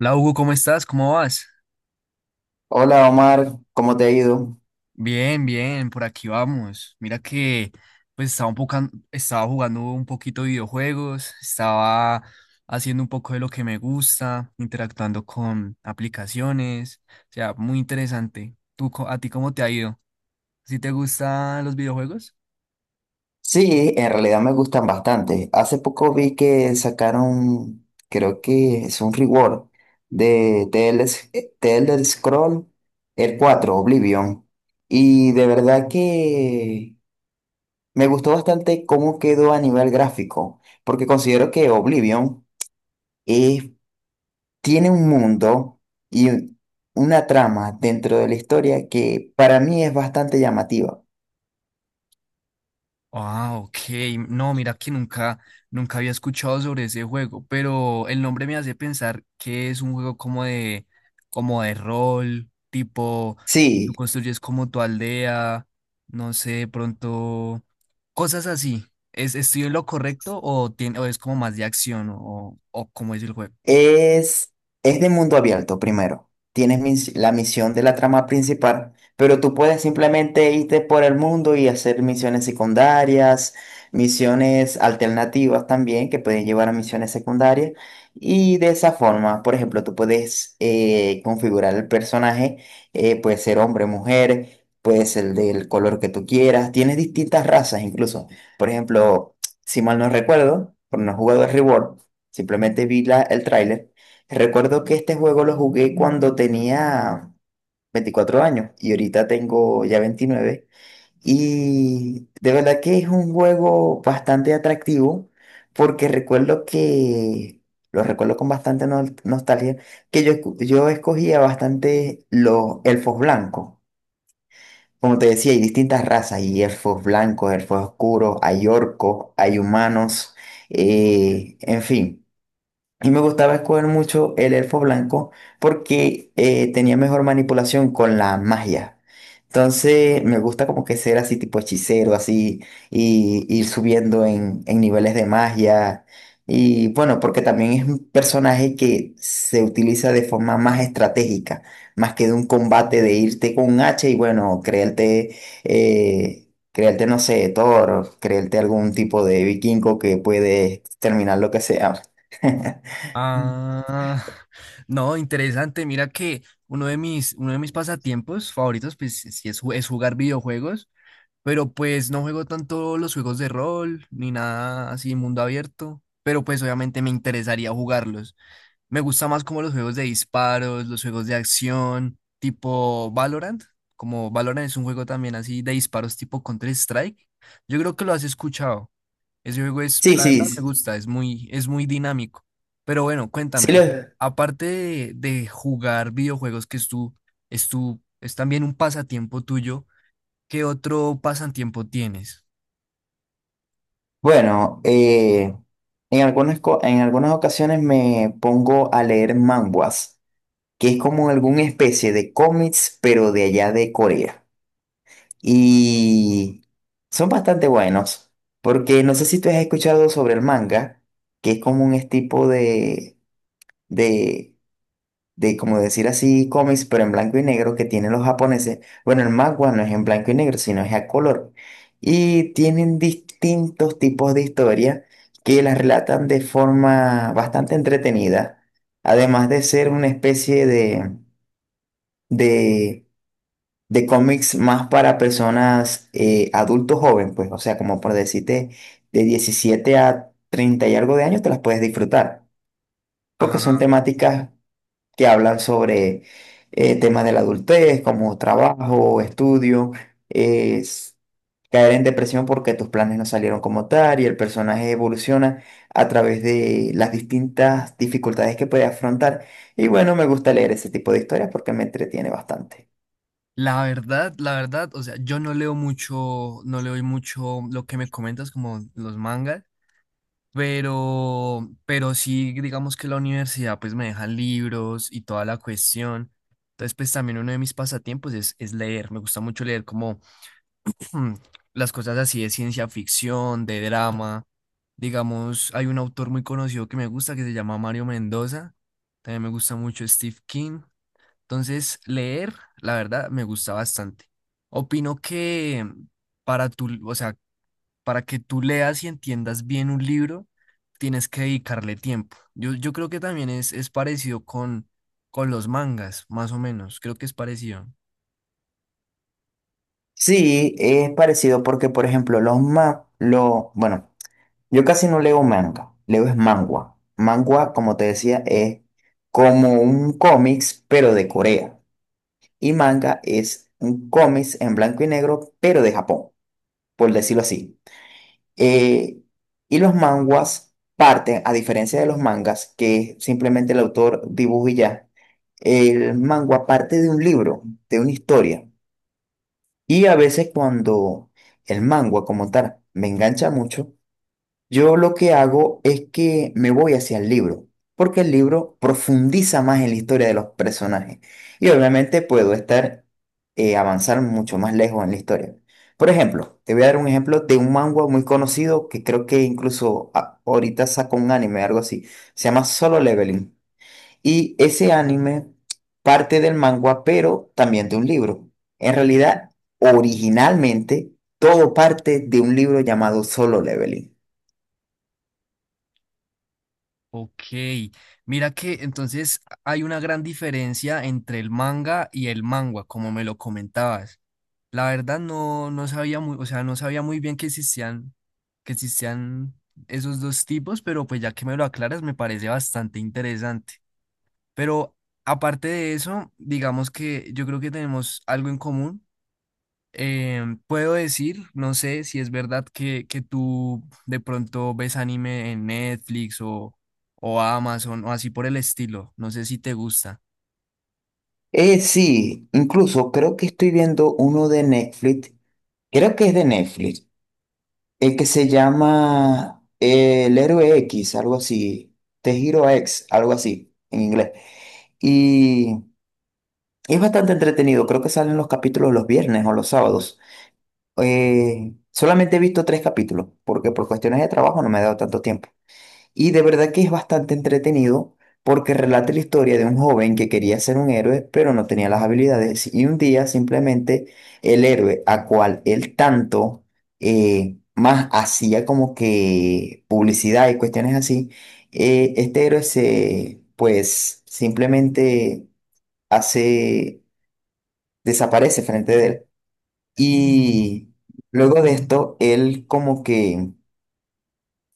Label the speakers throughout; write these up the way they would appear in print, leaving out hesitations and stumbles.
Speaker 1: Hola Hugo, ¿cómo estás? ¿Cómo vas?
Speaker 2: Hola Omar, ¿cómo te ha ido?
Speaker 1: Bien, por aquí vamos. Mira que pues estaba un poco, estaba jugando un poquito de videojuegos, estaba haciendo un poco de lo que me gusta, interactuando con aplicaciones, o sea, muy interesante. ¿Tú, a ti cómo te ha ido? ¿Sí te gustan los videojuegos?
Speaker 2: Sí, en realidad me gustan bastante. Hace poco vi que sacaron, creo que es un reward de The Elder Scroll, el 4, Oblivion. Y de verdad que me gustó bastante cómo quedó a nivel gráfico, porque considero que Oblivion eh, tiene un mundo y una trama dentro de la historia que para mí es bastante llamativa.
Speaker 1: Ah, ok. No, mira que nunca había escuchado sobre ese juego, pero el nombre me hace pensar que es un juego como de rol, tipo, tú
Speaker 2: Sí.
Speaker 1: construyes como tu aldea, no sé, de pronto, cosas así. Estoy en lo correcto o, tiene, o es como más de acción o cómo es el juego?
Speaker 2: Es, es de mundo abierto, primero. Tienes la misión de la trama principal, pero tú puedes simplemente irte por el mundo y hacer misiones secundarias, misiones alternativas también, que pueden llevar a misiones secundarias. Y de esa forma, por ejemplo, tú puedes configurar el personaje. Puede ser hombre, mujer, puede ser del color que tú quieras. Tienes distintas razas incluso. Por ejemplo, si mal no recuerdo, por no jugador de Reward. Simplemente vi el tráiler. Recuerdo que este juego lo jugué cuando tenía 24 años y ahorita tengo ya veintinueve. Y de verdad que es un juego bastante atractivo porque recuerdo que, lo recuerdo con bastante nostalgia, que yo escogía bastante los elfos blancos. Como te decía, hay distintas razas, hay elfos blancos, elfos oscuros, hay orcos, hay humanos, en fin. Y me gustaba escoger mucho el elfo blanco porque tenía mejor manipulación con la magia. Entonces me gusta como que ser así tipo hechicero, así, y ir subiendo en niveles de magia. Y bueno, porque también es un personaje que se utiliza de forma más estratégica, más que de un combate de irte con un hacha y bueno, creerte, no sé, Thor, o creerte algún tipo de vikingo que puede terminar lo que sea. Sí,
Speaker 1: Ah, no, interesante. Mira que uno de mis pasatiempos favoritos, pues sí es jugar videojuegos. Pero pues no juego tanto los juegos de rol ni nada así mundo abierto. Pero pues obviamente me interesaría jugarlos. Me gusta más como los juegos de disparos, los juegos de acción, tipo Valorant. Como Valorant es un juego también así de disparos tipo Counter-Strike. Yo creo que lo has escuchado. Ese juego
Speaker 2: sí,
Speaker 1: la verdad me
Speaker 2: s-
Speaker 1: gusta, es muy dinámico. Pero bueno,
Speaker 2: sí
Speaker 1: cuéntame, o sea,
Speaker 2: los-
Speaker 1: aparte de jugar videojuegos, es tu, es también un pasatiempo tuyo. ¿Qué otro pasatiempo tienes?
Speaker 2: Bueno, en en algunas ocasiones me pongo a leer manhwas, que es como alguna especie de cómics, pero de allá de Corea. Y son bastante buenos, porque no sé si tú has escuchado sobre el manga, que es como un es tipo de de como decir así, cómics, pero en blanco y negro que tienen los japoneses. Bueno, el manga no es en blanco y negro, sino es a color. Y tienen distintos tipos de historias que las relatan de forma bastante entretenida, además de ser una especie de, de cómics más para personas adultos jóvenes, pues, o sea, como por decirte, de 17 a 30 y algo de años te las puedes disfrutar, porque son
Speaker 1: Ajá.
Speaker 2: temáticas que hablan sobre temas de la adultez, como trabajo, estudio, es caer en depresión porque tus planes no salieron como tal y el personaje evoluciona a través de las distintas dificultades que puede afrontar. Y bueno, me gusta leer ese tipo de historias porque me entretiene bastante.
Speaker 1: La verdad, o sea, yo no leo mucho, no leo mucho lo que me comentas como los mangas, pero sí, digamos que la universidad pues me deja libros y toda la cuestión. Entonces, pues también uno de mis pasatiempos es leer. Me gusta mucho leer como mm, las cosas así de ciencia ficción, de drama. Digamos, hay un autor muy conocido que me gusta que se llama Mario Mendoza. También me gusta mucho Steve King. Entonces, leer, la verdad, me gusta bastante. Opino que o sea, para que tú leas y entiendas bien un libro, tienes que dedicarle tiempo. Yo creo que también es parecido con los mangas, más o menos. Creo que es parecido.
Speaker 2: Sí, es parecido porque, por ejemplo, bueno, yo casi no leo manga, leo es mangua. Mangua, como te decía, es como un cómics, pero de Corea. Y manga es un cómic en blanco y negro, pero de Japón, por decirlo así. Eh, y los manguas parten, a diferencia de los mangas, que simplemente el autor dibuja y ya, el manga parte de un libro, de una historia. Y a veces cuando el manga como tal me engancha mucho, yo lo que hago es que me voy hacia el libro, porque el libro profundiza más en la historia de los personajes y obviamente puedo estar avanzar mucho más lejos en la historia. Por ejemplo, te voy a dar un ejemplo de un manga muy conocido que creo que incluso ahorita sacó un anime, algo así. Se llama Solo Leveling. Y ese anime parte del manga, pero también de un libro. En realidad, originalmente, todo parte de un libro llamado Solo Leveling.
Speaker 1: Ok, mira que entonces hay una gran diferencia entre el manga y el mangua, como me lo comentabas. La verdad no sabía muy, o sea, no sabía muy bien que existían esos dos tipos, pero pues ya que me lo aclaras me parece bastante interesante. Pero aparte de eso, digamos que yo creo que tenemos algo en común. Puedo decir, no sé si es verdad que tú de pronto ves anime en Netflix o Amazon o así por el estilo. No sé si te gusta.
Speaker 2: Sí, incluso creo que estoy viendo uno de Netflix, creo que es de Netflix, el que se llama El Héroe X, algo así, The Hero X, algo así en inglés. Y es bastante entretenido, creo que salen los capítulos los viernes o los sábados. Solamente he visto tres capítulos, porque por cuestiones de trabajo no me he dado tanto tiempo. Y de verdad que es bastante entretenido porque relata la historia de un joven que quería ser un héroe, pero no tenía las habilidades. Y un día simplemente el héroe a cual él tanto más hacía como que publicidad y cuestiones así, este héroe se, pues simplemente hace, desaparece frente de él. Y luego de esto, él como que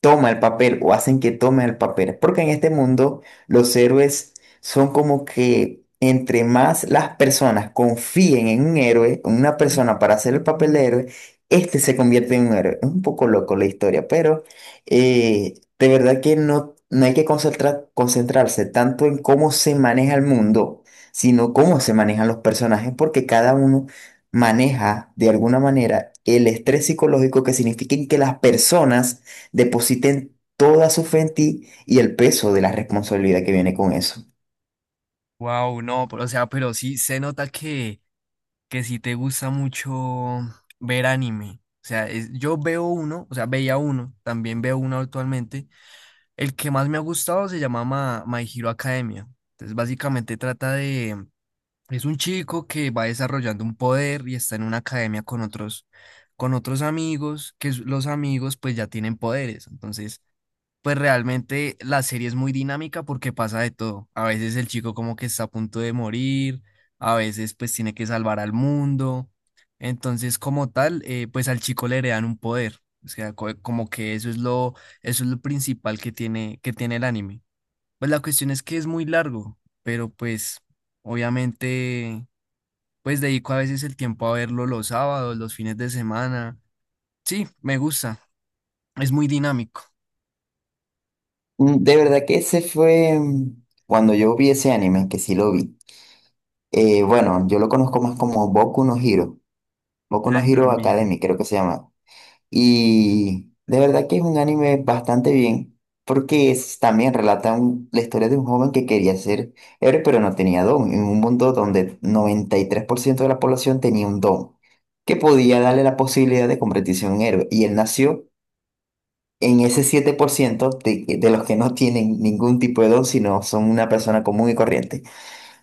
Speaker 2: toma el papel o hacen que tome el papel. Porque en este mundo los héroes son como que entre más las personas confíen en un héroe, en una persona para hacer el papel de héroe, este se convierte en un héroe. Es un poco loco la historia, pero de verdad que no, no hay que concentrarse tanto en cómo se maneja el mundo, sino cómo se manejan los personajes, porque cada uno maneja de alguna manera el estrés psicológico que significa que las personas depositen toda su fe en ti y el peso de la responsabilidad que viene con eso.
Speaker 1: Wow, no, pero, o sea, pero sí se nota que si te gusta mucho ver anime. O sea, yo veo uno, o sea, veía uno, también veo uno actualmente. El que más me ha gustado se llama My Hero Academia. Entonces, básicamente trata de... Es un chico que va desarrollando un poder y está en una academia con otros amigos, que los amigos pues ya tienen poderes. Entonces, pues realmente la serie es muy dinámica porque pasa de todo. A veces el chico como que está a punto de morir, a veces pues tiene que salvar al mundo. Entonces, como tal, pues al chico le heredan un poder. O sea, como que eso es lo principal que tiene el anime. Pues la cuestión es que es muy largo, pero pues obviamente pues dedico a veces el tiempo a verlo los sábados, los fines de semana. Sí, me gusta, es muy dinámico.
Speaker 2: De verdad que ese fue cuando yo vi ese anime, que sí lo vi. Bueno, yo lo conozco más como Boku no
Speaker 1: Ah,
Speaker 2: Hero Academy,
Speaker 1: también.
Speaker 2: creo que se llama. Y de verdad que es un anime bastante bien, porque también relata la historia de un joven que quería ser héroe, pero no tenía don, en un mundo donde 93% de la población tenía un don, que podía darle la posibilidad de convertirse en un héroe. Y él nació en ese 7% de los que no tienen ningún tipo de don, sino son una persona común y corriente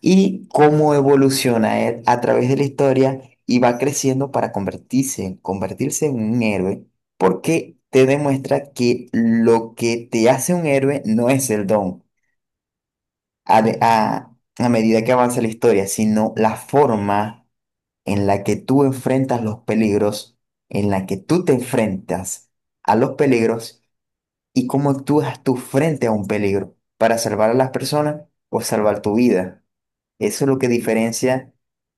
Speaker 2: y cómo evoluciona él a través de la historia y va creciendo para convertirse en un héroe, porque te demuestra que lo que te hace un héroe no es el don a, de- a- a medida que avanza la historia, sino la forma en la que tú enfrentas los peligros, en la que tú te enfrentas a los peligros y cómo actúas tú frente a un peligro para salvar a las personas o salvar tu vida. Eso es lo que diferencia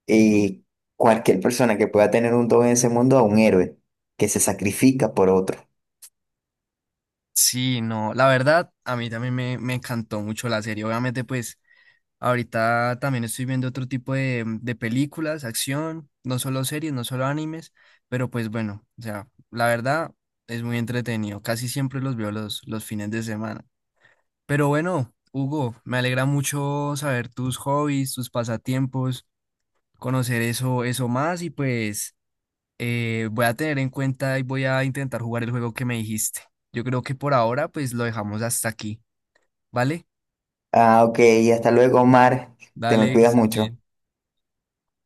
Speaker 2: eh, cualquier persona que pueda tener un don en ese mundo a un héroe que se sacrifica por otro.
Speaker 1: Sí, no, la verdad, a mí me encantó mucho la serie. Obviamente, pues ahorita también estoy viendo otro tipo de películas, acción, no solo series, no solo animes, pero pues bueno, o sea, la verdad es muy entretenido. Casi siempre los veo los fines de semana. Pero bueno, Hugo, me alegra mucho saber tus hobbies, tus pasatiempos, conocer eso más y pues... voy a tener en cuenta y voy a intentar jugar el juego que me dijiste. Yo creo que por ahora pues lo dejamos hasta aquí, ¿vale?
Speaker 2: Ah, ok, hasta luego, Omar. Te me
Speaker 1: Dale, que
Speaker 2: cuidas
Speaker 1: estés
Speaker 2: mucho.
Speaker 1: bien.